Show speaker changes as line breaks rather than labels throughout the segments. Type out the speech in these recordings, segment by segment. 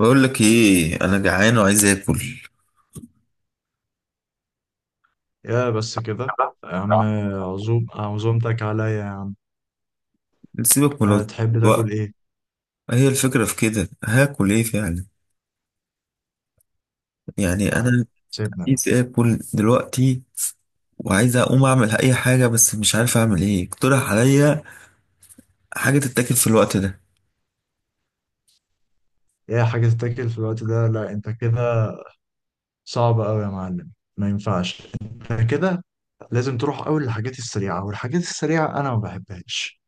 بقول لك ايه، انا جعان وعايز اكل.
يا بس كده يا عم. عزومتك عليا يا عم.
سيبك من
هتحب تاكل
الوقت.
ايه؟
هي الفكره في كده، هاكل ايه فعلا؟ يعني
تعال
انا
سيبنا انا.
عايز اكل دلوقتي، وعايز اقوم اعمل اي حاجه بس مش عارف اعمل ايه. اقترح عليا حاجه تتاكل في الوقت ده.
ايه حاجة تتاكل في الوقت ده؟ لا انت كده صعب قوي يا معلم، ما ينفعش انت كده. لازم تروح اول للحاجات السريعة، والحاجات السريعة انا ما بحبهاش.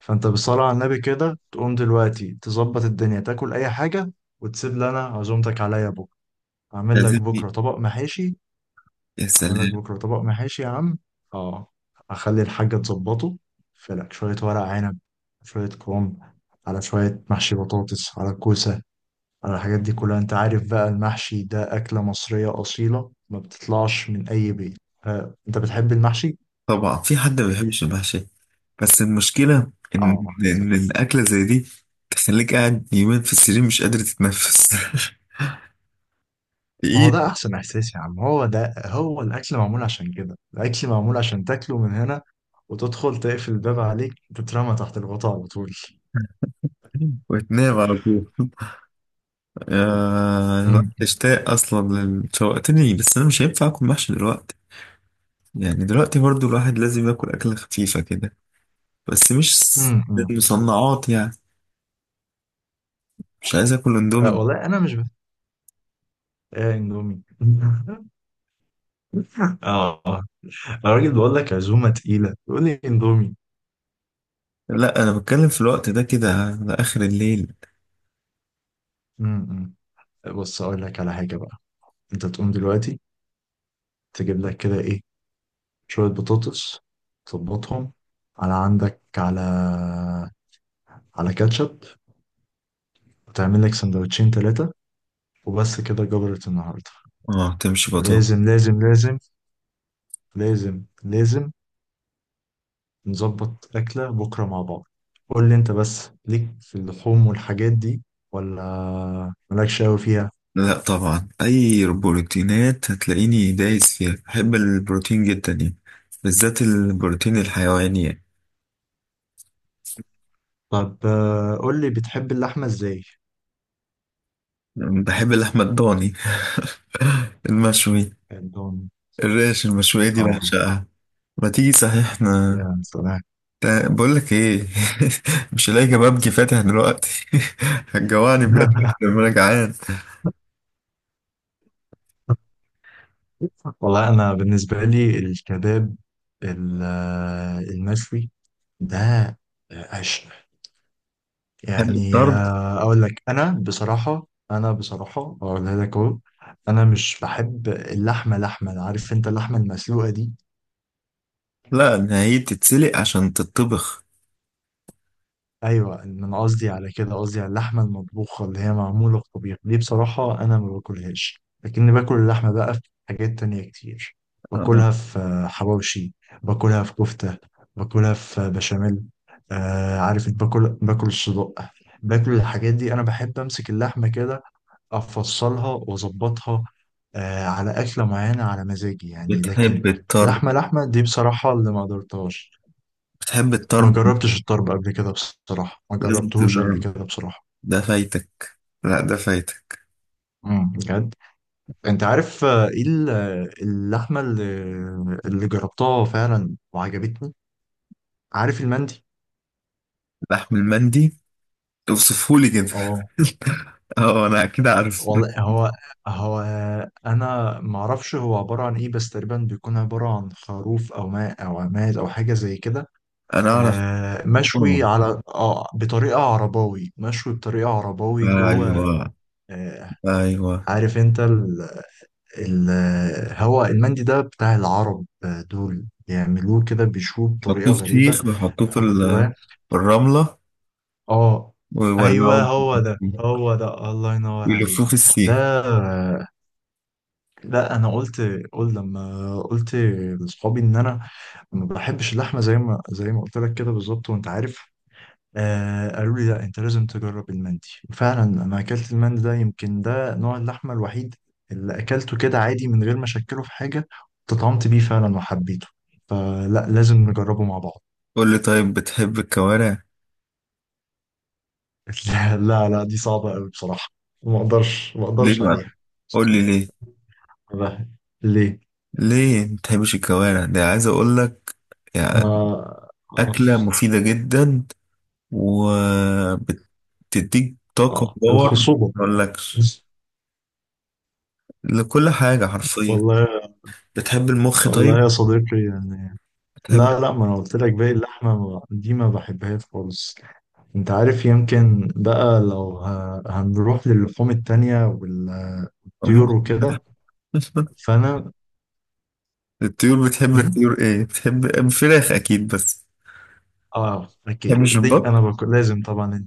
فانت بالصلاة على النبي كده تقوم دلوقتي تظبط الدنيا، تاكل اي حاجة وتسيب لنا عزومتك عليا بكرة. اعمل لك
لازم لي-
بكرة طبق محاشي،
يا
اعمل لك
سلام.
بكره طبق محاشي يا عم. اه، اخلي الحاجه تظبطه. في لك شويه ورق عنب، شويه كرنب، على شويه محشي بطاطس على كوسه، على الحاجات دي كلها. انت عارف بقى المحشي ده اكله مصريه اصيله ما بتطلعش من اي بيت. آه. انت بتحب المحشي؟
طبعا في حد ما بيحبش المحشي؟ بس المشكله
اه
ان
سلام.
الاكله زي دي تخليك قاعد يومين في السرير مش قادر تتنفس
ما هو
تقيل.
ده احسن احساس يا عم. هو ده الاكل معمول عشان كده. الاكل معمول عشان تاكله من هنا، وتدخل تقفل الباب عليك، تترمى تحت الغطاء على طول.
وتنام على طول. آه،
امم
اشتاق اصلا شوقتني، بس انا مش هينفع اكل محشي دلوقتي. يعني دلوقتي برضو الواحد لازم ياكل اكله خفيفه كده، بس مش س-
امم
مصنعات يعني. مش عايز اكل اندومي.
آه والله انا مش بحب اندومي. اه. آه. انا راجل بقول لك عزومه تقيله، يقول لي اندومي.
لا انا بتكلم في الوقت ده كده على اخر الليل.
م- م. بص اقول لك على حاجه بقى. انت تقوم دلوقتي تجيب لك كده ايه، شويه بطاطس تظبطهم على عندك، على كاتشب، وتعمل لك سندوتشين ثلاثه، وبس كده جبرت النهارده.
اه، تمشي بطاطا.
ولازم لازم لازم، لازم لازم نظبط أكلة بكرة مع بعض. قول لي أنت بس، ليك في اللحوم والحاجات دي، ولا مالكش أوي فيها؟
لا طبعا، اي بروتينات هتلاقيني دايس فيها، بحب البروتين جدا يعني، بالذات البروتين الحيواني يعني.
طب، قول لي بتحب اللحمة إزاي.
بحب اللحمه الضاني المشوي.
عندهم.
الريش المشوية دي
آه
بعشقها. ما تيجي صحيح احنا.
يا سلام.
بقول لك ايه مش هلاقي كبابجي فاتح دلوقتي. هتجوعني بجد لما انا جعان.
والله أنا بالنسبة لي الكباب، المشوي ده عشق.
تحب
يعني،
الطرب؟
اقول لك انا بصراحه، اقولها لك اهو. انا مش بحب اللحمه، عارف انت، اللحمه المسلوقه دي.
لا إن هي تتسلق عشان تتطبخ.
ايوه، إن انا قصدي على كده، قصدي على اللحمه المطبوخه اللي هي معموله في طبيخ دي. بصراحه انا ما باكلهاش، لكني باكل اللحمه بقى في حاجات تانية كتير.
آه.
باكلها في حواوشي، باكلها في كفته، باكلها في بشاميل. آه عارف إنت، باكل الصدق. باكل الحاجات دي انا بحب امسك اللحمه كده، افصلها واظبطها آه، على اكله معينه على مزاجي يعني. لكن
بتحب الطرب؟
لحمه لحمه دي بصراحه اللي ما قدرتهاش.
بتحب
ما
الطرب؟
جربتش الطرب قبل كده بصراحة، ما
لازم
جربتهوش قبل
تجرب.
كده بصراحة.
ده فايتك. لا ده فايتك.
بجد. انت عارف، ايه اللحمة اللي جربتها فعلا وعجبتني. عارف المندي؟
لحم المندي، اوصفهولي كده
اه
اه انا اكيد عارف.
والله، هو انا ما اعرفش هو عبارة عن ايه، بس تقريبا بيكون عبارة عن خروف او ماء او عماد او حاجة زي كده.
انا اعرف. آه،
مشوي على بطريقة عرباوي، جوه.
ايوه.
آه،
ايوه.
عارف انت، هو المندي ده بتاع العرب. دول بيعملوه كده، بيشوه بطريقة
يحطوه في
غريبة،
سيخ، ويحطوه
بيحطوا جواه.
في الرمله،
اه
ويولعوا،
ايوه، هو ده هو ده، الله ينور عليك.
ويلفوه في
ده،
السيخ.
لا انا قلت، لما قلت لاصحابي ان انا ما بحبش اللحمه زي ما قلت لك كده بالظبط. وانت عارف، قالوا لي لا انت لازم تجرب المندي. وفعلا انا اكلت المندي ده، يمكن ده نوع اللحمه الوحيد اللي اكلته كده عادي من غير ما اشكله في حاجه. تطعمت بيه فعلا وحبيته، فلا لازم نجربه مع بعض.
قول لي طيب، بتحب الكوارع؟
لا لا لا، دي صعبه قوي بصراحه، ما اقدرش، ما
ليه
اقدرش
بقى؟
عليها.
قول لي ليه.
لا. ليه؟
ليه ما بتحبش الكوارع؟ ده عايز اقول لك
ما
يعني
اه
اكله مفيده جدا، وبتديك طاقه وباور ما
الخصوبه.
اقولكش، لكل حاجة حرفيا.
والله،
بتحب المخ
والله
طيب؟
يا صديقي يعني.
بتحب
لا لا، ما انا قلت لك باقي اللحمه، دي ما بحبهاش خالص. انت عارف، يمكن بقى لو هنروح للحوم التانية والطيور
المخ
وكده، فانا.
الطيور، بتحب
مم؟
الطيور ايه؟ بتحب فراخ اكيد، بس
اه اكيد
بتحبش
دي انا
البط؟
باكل لازم طبعا.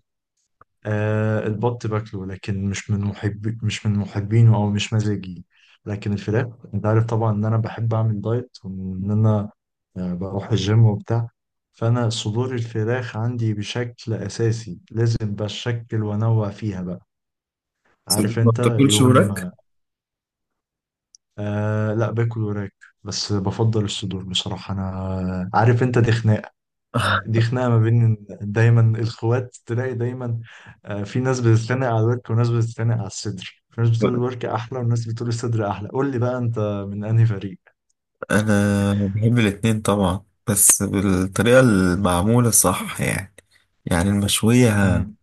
آه البط باكله، لكن مش من محبينه، او مش مزاجي. لكن الفراخ انت عارف طبعا ان انا بحب اعمل دايت، وان انا بروح الجيم وبتاع. فانا صدور الفراخ عندي بشكل اساسي لازم، بشكل وانوع فيها بقى.
صديق،
عارف
ما
انت
بتاكلش وراك؟
يوم. لا باكل وراك، بس بفضل الصدور بصراحة. أنا عارف أنت دي خناقة، دي خناقة ما بين دايما الأخوات تلاقي دايما. آه، في ناس بتتخانق على الورك، وناس بتتخانق على الصدر. في ناس بتقول الورك أحلى، وناس بتقول الصدر أحلى. قول لي بقى أنت من أنهي فريق؟
انا بحب الاتنين طبعا، بس بالطريقة المعمولة صح يعني، يعني المشوية
مم.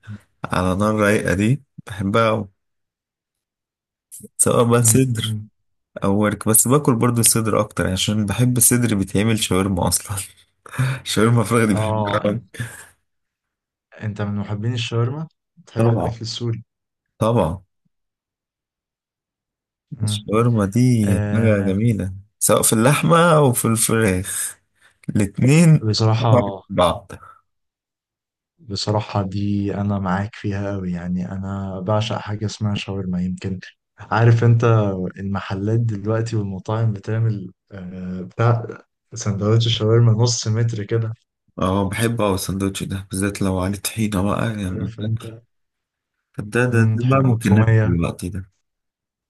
على نار رايقة دي بحبها أوي. سواء بقى
مم.
صدر
مم.
او ورك، بس باكل برضو صدر اكتر يعني، عشان بحب الصدر بيتعمل شاورما اصلا شاورما فراخ دي بحبها
آه،
أوي.
أنت من محبين الشاورما؟ بتحب
طبعا،
الأكل السوري؟
طبعا.
مم.
الشاورما دي حاجة
آه.
جميلة، سواء في اللحمة أو في الفراخ، الاتنين طعم
بصراحة
بعض.
بصراحة دي أنا معاك فيها أوي يعني. أنا بعشق حاجة اسمها شاورما. يمكن عارف أنت، المحلات دلوقتي والمطاعم بتعمل آه، بتاع سندوتش الشاورما نص متر كده.
اه بحب أوي السندوتش ده، بالذات لو عليه طحينة بقى يعني.
عارف أنت،
طب ده
مم،
بقى ممكن ناكل
وتومية.
دلوقتي ده،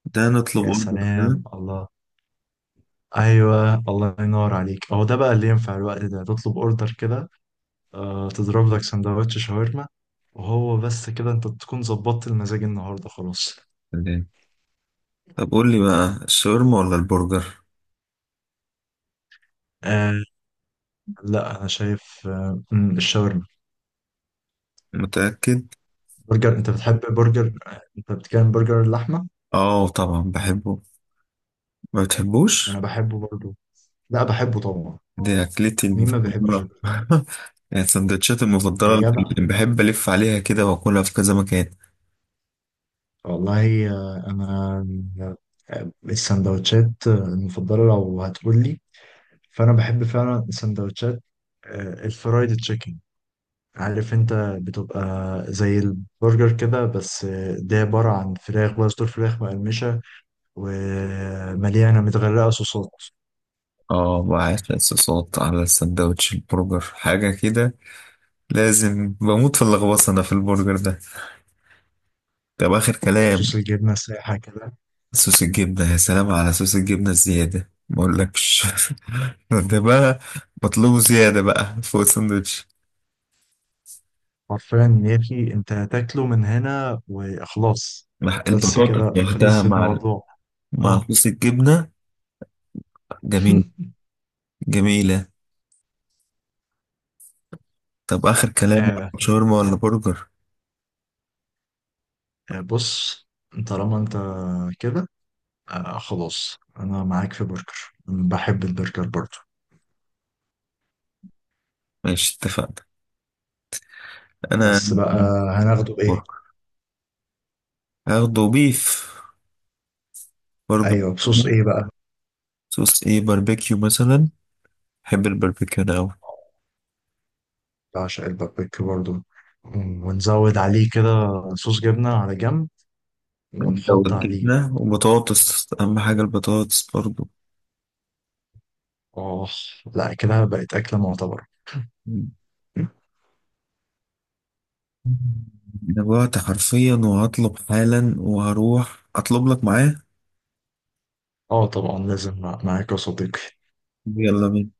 ده نطلب
يا
أوردر كده.
سلام الله. أيوه الله ينور عليك، هو ده بقى اللي ينفع الوقت ده، تطلب أوردر كده. تضرب لك سندوتش شاورما، وهو بس كده أنت تكون ظبطت المزاج النهاردة خلاص.
تمام. طب قول لي بقى، الشاورما ولا البرجر؟
آه لا، أنا شايف الشاورما.
متأكد؟
برجر؟ انت بتحب برجر؟ انت بتكلم برجر اللحمه؟
اه طبعا بحبه، ما
انا
بتحبوش؟
بحبه برضو، لا بحبه طبعا.
دي أكلتي
مين ما بيحبش
المفضلة
البرجر؟
يعني السندوتشات
يا
المفضلة
جدع.
اللي بحب ألف عليها كده وأكلها في كذا مكان.
والله انا، السندوتشات المفضله لو هتقول لي، فانا بحب فعلا السندوتشات، الفرايد تشيكن. عارف انت، بتبقى زي البرجر كده، بس ده عباره عن فراخ بقى، صدور فراخ مقرمشه ومليانه متغرقه صوصات.
اه وعيش صوصات على السندوتش البرجر حاجة كده، لازم بموت في اللغوصة أنا في البرجر ده. طب آخر كلام،
صوص الجبنه سايحه كده،
صوص الجبنة يا سلام، على صوص الجبنة الزيادة ما أقولكش ده بقى مطلوب زيادة بقى فوق السندوتش،
حرفيا يا اخي انت هتاكله من هنا وخلاص،
مع
بس
البطاطا
كده
لوحدها،
خلص
مع
الموضوع.
مع
اه.
صوص الجبنة. جميل. جميلة. طب آخر كلام،
آه،
شاورما ولا برجر؟
بص، طالما انت كده، خلاص انا معاك في برجر، بحب البرجر برضو.
ماشي اتفقنا. أنا
بس بقى هناخده بايه؟
برجر، هاخده بيف برجر.
ايوه، بصوص ايه بقى؟
صوص ايه؟ باربيكيو مثلا، بحب البربكان أوي.
بعشق البابريكا برضو، ونزود عليه كده صوص جبنة على جنب،
لو
ونحط عليه.
الجبنة وبطاطس أهم حاجة، البطاطس برضو.
اه لا، كده بقت أكلة معتبرة.
أنا جوعت حرفيا، وهطلب حالا، وهروح أطلب لك معاه.
اه طبعا لازم معاك يا صديقي.
يلا بينا.